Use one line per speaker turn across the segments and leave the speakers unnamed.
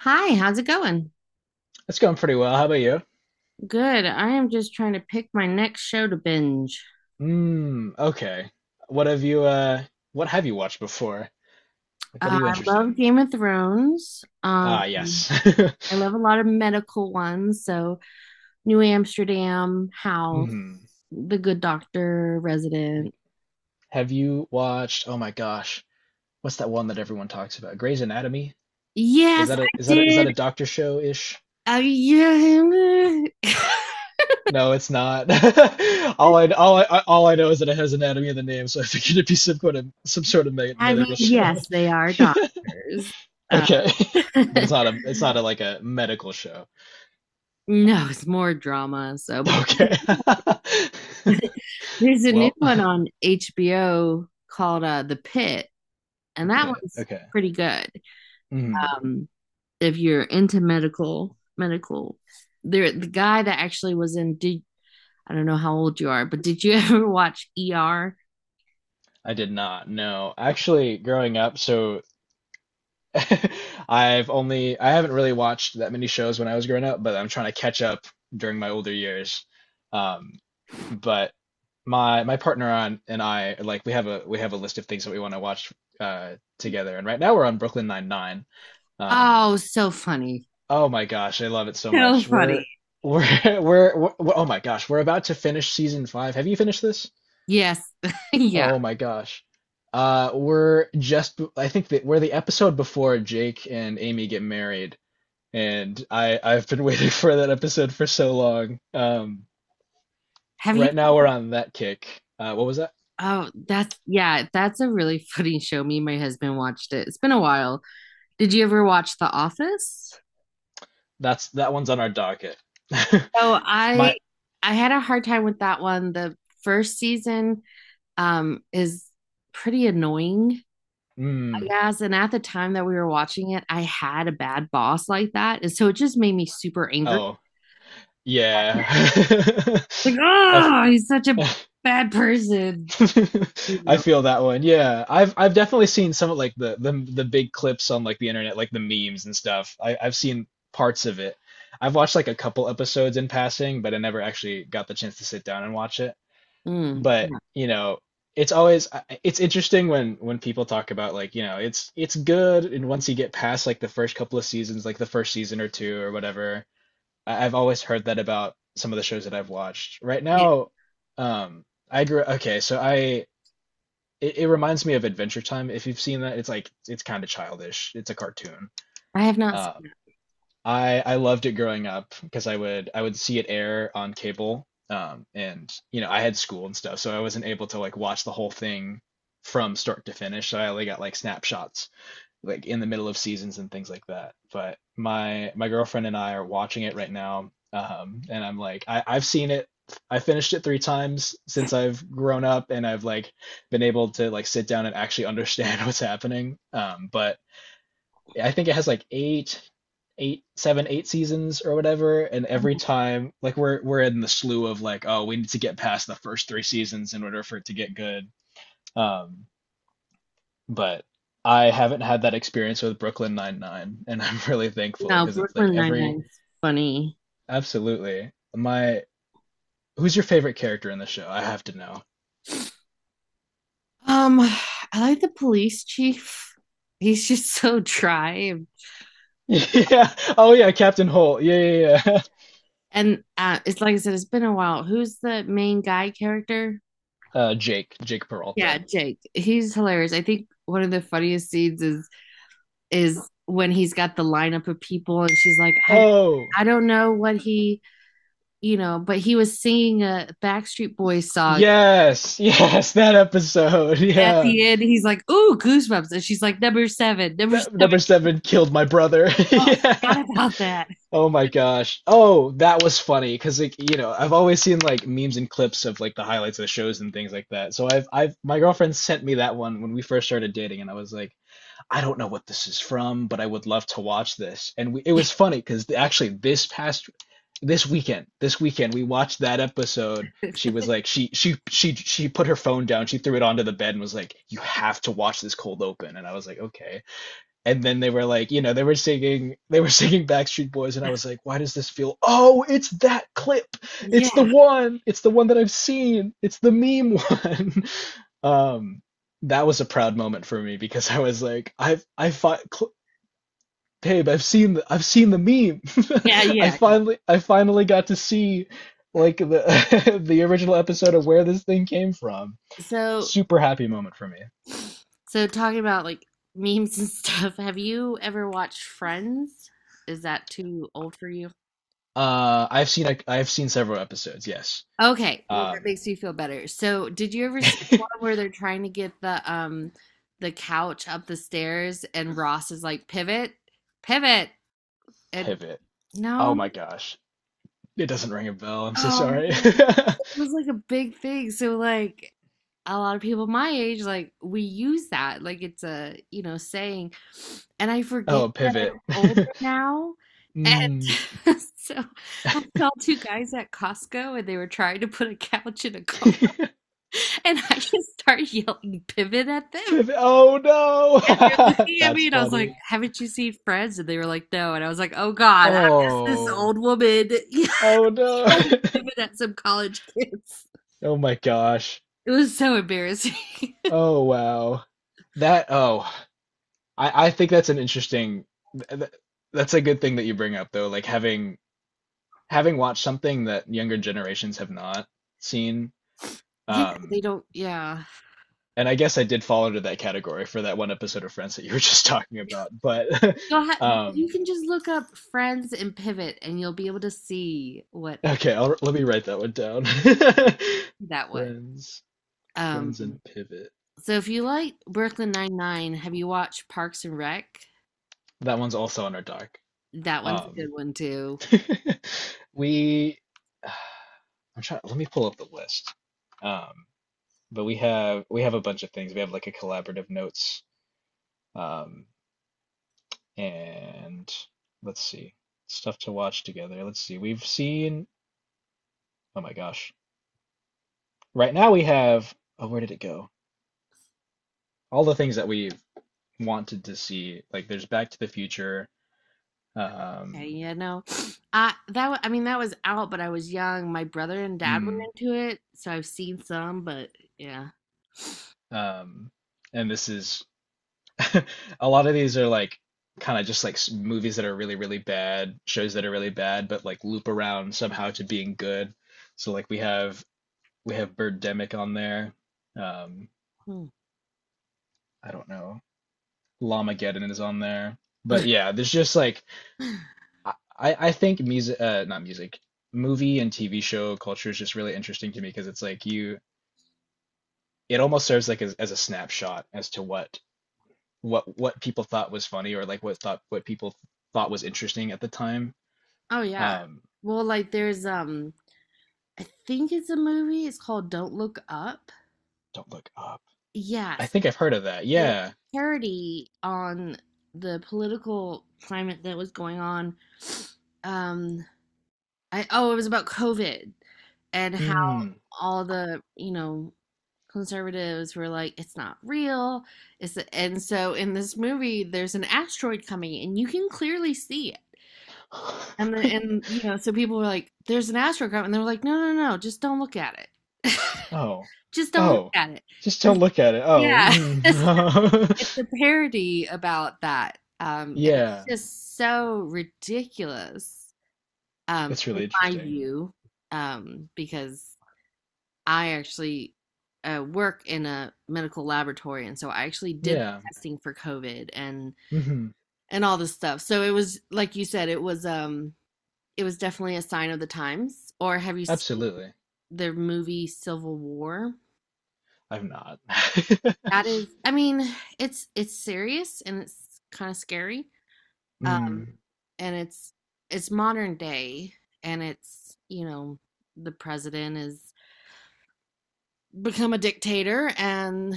Hi, how's it going?
It's going pretty well. How about you?
Good. I am just trying to pick my next show to binge.
Mm, okay. What have you watched before? Like what are you
I
interested in?
love Game of Thrones.
Ah, yes.
I love a lot of medical ones, so New Amsterdam, House,
Hmm.
The Good Doctor,
Like
Resident.
have you watched, oh my gosh, what's that one that everyone talks about? Grey's Anatomy? Is
Yes,
that a
I
is that a, is that a
did.
doctor show-ish?
Yeah.
No, it's not. All I know is that it has anatomy in the name, so I figured it'd be some kind of some sort of me
I mean,
medical show.
yes, they are doctors. Uh,
Okay. But it's not a like a medical show.
no, it's more drama. So, but
Okay.
there's a new
Well,
one on HBO called The Pitt.
the
And that
pit.
one's
Okay.
pretty good.
Hmm.
Um, if you're into medical, there the guy that actually was in. Did I don't know how old you are, but did you ever watch ER?
I did not know. Actually, growing up, so I haven't really watched that many shows when I was growing up, but I'm trying to catch up during my older years. Um, but my partner on and I, like, we have a list of things that we want to watch together, and right now we're on Brooklyn Nine-Nine. Um,
Oh, so funny.
Oh my gosh, I love it so
So
much.
funny.
We're we're, we oh my gosh, we're about to finish season five. Have you finished this?
Yes, yeah.
Oh my gosh. We're just, I think that we're the episode before Jake and Amy get married, and I've been waiting for that episode for so long.
Have you?
Right now we're on that kick. What was that?
Oh, that's yeah. That's a really funny show. Me and my husband watched it. It's been a while. Did you ever watch The Office?
That's that one's on our docket.
Oh, I
My
I had a hard time with that one. The first season is pretty annoying.
mm,
Yes, and at the time that we were watching it, I had a bad boss like that, and so it just made me super angry.
oh yeah.
Like,
I
oh, he's such a bad person, you
I
know.
feel that one. Yeah, I've definitely seen some of, like, the the big clips on, like, the internet, like the memes and stuff. I've seen parts of it. I've watched like a couple episodes in passing, but I never actually got the chance to sit down and watch it.
Mm,
But,
yeah,
you know, it's always it's interesting when people talk about, like, you know, it's good and once you get past, like, the first couple of seasons, like the first season or two or whatever. I've always heard that about some of the shows that I've watched. Right
yeah.
now, um I grew, okay, so I it reminds me of Adventure Time. If you've seen that, it's like it's kind of childish. It's a cartoon.
I have not seen
Um,
that.
I loved it growing up because I would see it air on cable. And you know, I had school and stuff, so I wasn't able to, like, watch the whole thing from start to finish. So I only got, like, snapshots like in the middle of seasons and things like that. But my girlfriend and I are watching it right now, and I'm like, I've seen it. I finished it three times since I've grown up, and I've, like, been able to, like, sit down and actually understand what's happening. But I think it has like eight seasons or whatever, and every time, like, we're in the slew of, like, oh, we need to get past the first three seasons in order for it to get good. Um, but I haven't had that experience with Brooklyn Nine-Nine, and I'm really thankful
No,
because it's like
Brooklyn Nine
every
Nine's funny.
absolutely my who's your favorite character in the show? I have to know.
I like the police chief. He's just so dry,
Yeah. Oh yeah, Captain Holt. Yeah, yeah, yeah.
and it's like I said, it's been a while. Who's the main guy character?
Jake
Yeah,
Peralta.
Jake. He's hilarious. I think one of the funniest scenes is when he's got the lineup of people and she's like,
Oh,
I don't know what he, you know, but he was singing a Backstreet Boys song.
yes, yes, that episode.
And at
Yeah.
the end, he's like, ooh, goosebumps. And she's like, number seven, number
That
seven.
number seven killed my brother.
Oh, I
Yeah.
forgot about that.
Oh my gosh. Oh, that was funny because, like, you know, I've always seen like memes and clips of, like, the highlights of the shows and things like that. So I've my girlfriend sent me that one when we first started dating and I was like, I don't know what this is from, but I would love to watch this. And we it was funny because actually this weekend we watched that episode. She was like, she put her phone down, she threw it onto the bed and was like, "You have to watch this cold open." And I was like, "Okay." And then they were like, you know, they were singing, they were singing Backstreet Boys, and I was like, why does this feel? Oh, it's that clip. It's the
yeah.
one. It's the one that I've seen. It's the meme one. Um, that was a proud moment for me because I was like, I've I fi- cl- babe, I've seen the meme.
Yeah. Yeah. Yeah.
I finally got to see, like, the the original episode of where this thing came from.
So,
Super happy moment for me.
so, talking about like memes and stuff, have you ever watched Friends? Is that too old for you?
I've seen several episodes. Yes.
Okay, well that
Um.
makes me feel better. So, did you ever see the one where they're trying to get the couch up the stairs and Ross is like, "Pivot, pivot." And
Pivot. Oh
no.
my gosh. It doesn't ring a bell. I'm so
Oh
sorry.
man. It was like a big thing. So like a lot of people my age like we use that like it's a, you know, saying. And I forget
Oh,
that
pivot.
I'm older now.
Mm.
And so I saw two guys at Costco and they were trying to put a couch in a car. And I just start yelling pivot at them.
Pivot. Oh
They're
no.
looking at
That's
me and I was like,
funny.
haven't you seen Friends? And they were like, no. And I was like, oh God, I'm just this
Oh.
old woman yelling
Oh no.
pivot at some college kids.
Oh my gosh.
It was so embarrassing.
Oh wow. That oh. I think that's an interesting th th that's a good thing that you bring up though, like having watched something that younger generations have not seen.
yeah,
Um
they don't, yeah.
and I guess I did fall into that category for that one episode of Friends that you were just talking about. But
You'll ha- you
um,
can just look up Friends and Pivot and you'll be able to see what I
okay, let me write that one down.
that was.
Friends,
Um,
Friends, and Pivot.
so if you like Brooklyn Nine Nine, have you watched Parks and Rec?
That one's also on our doc.
That one's a good
Um,
one too.
we, I'm trying. Let me pull up the list. Um, but we have a bunch of things. We have like a collaborative notes. Um, and let's see, stuff to watch together. Let's see. We've seen. Oh my gosh. Right now we have, oh, where did it go? All the things that we wanted to see. Like there's Back to the Future.
Okay,
Um,
yeah, no. I mean that was out, but I was young. My brother and dad were
mm,
into it, so I've seen some, but yeah.
um, and this is a lot of these are like kind of just like movies that are really, really bad, shows that are really bad, but like loop around somehow to being good. So like we have Birdemic on there. Um,
Hmm.
I don't know. Llamageddon is on there. But yeah, there's just like I think music, not music, movie and TV show culture is just really interesting to me because it's like it almost serves like as a snapshot as to what people thought was funny or like what people thought was interesting at the time.
Oh yeah.
Um,
Well, like there's I think it's a movie. It's called Don't Look Up.
don't look up. I
Yes.
think I've heard of that.
And it's
Yeah.
a parody on the political climate that was going on. Um, I oh, it was about COVID and how
Mm.
all the, you know, conservatives were like, it's not real. It's a, and so in this movie, there's an asteroid coming, and you can clearly see it. And then, and you know, so people were like, "There's an asteroid coming," and they were like, "No, no, no, just don't look at it.
Oh.
just don't look
Oh.
at it."
Just
And
don't look at it. Oh.
yeah, it's
Mm.
a parody about that, and it's
Yeah.
just so ridiculous,
That's
in
really
my
interesting.
view, because I actually work in a medical laboratory, and so I actually did the
Yeah.
testing for COVID and
Hmm.
all this stuff. So it was like you said, it was definitely a sign of the times. Or have you seen
Absolutely.
the movie Civil War?
I've not.
That is, I mean, it's serious and it's kind of scary. Um,
Mm,
and it's modern day, and it's you know the president is become a dictator and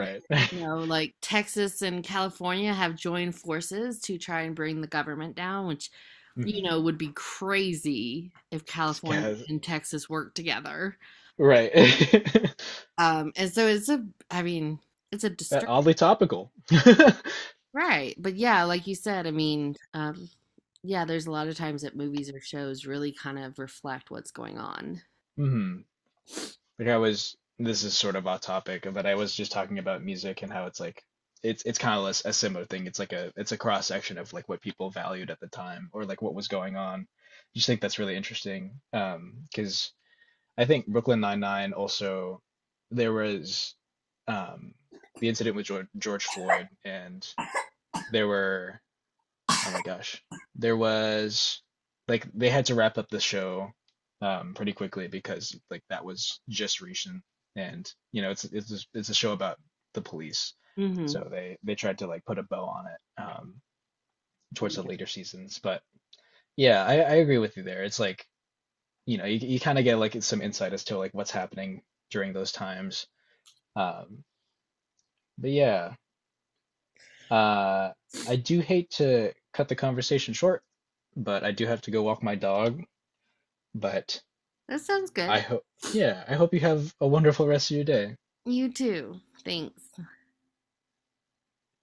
they, you know, like Texas and California have joined forces to try and bring the government down, which, you
Mhm.
know, would be crazy if California
Yes,
and Texas worked together.
right.
And so it's a, I mean, it's a
That
disturbing,
oddly topical.
right? But yeah, like you said, I mean, yeah, there's a lot of times that movies or shows really kind of reflect what's going on.
Hmm. Like I was, this is sort of off topic, but I was just talking about music and how it's like, it's kind of a similar thing. It's like a it's a cross section of like what people valued at the time or like what was going on. Just think that's really interesting. Because I think Brooklyn Nine-Nine also there was um the incident with George Floyd and there were oh my gosh. There was like they had to wrap up the show pretty quickly because like that was just recent and you know it's a show about the police.
Mm-hmm.
So they tried to like put a bow on it towards the
Yeah,
later seasons. But yeah, I agree with you there. It's like, you know, you kind of get like some insight as to like what's happening during those times. Um, but yeah, uh I do hate to cut the conversation short, but I do have to go walk my dog. But
that sounds good.
I hope, yeah, I hope you have a wonderful rest of your day.
You too. Thanks.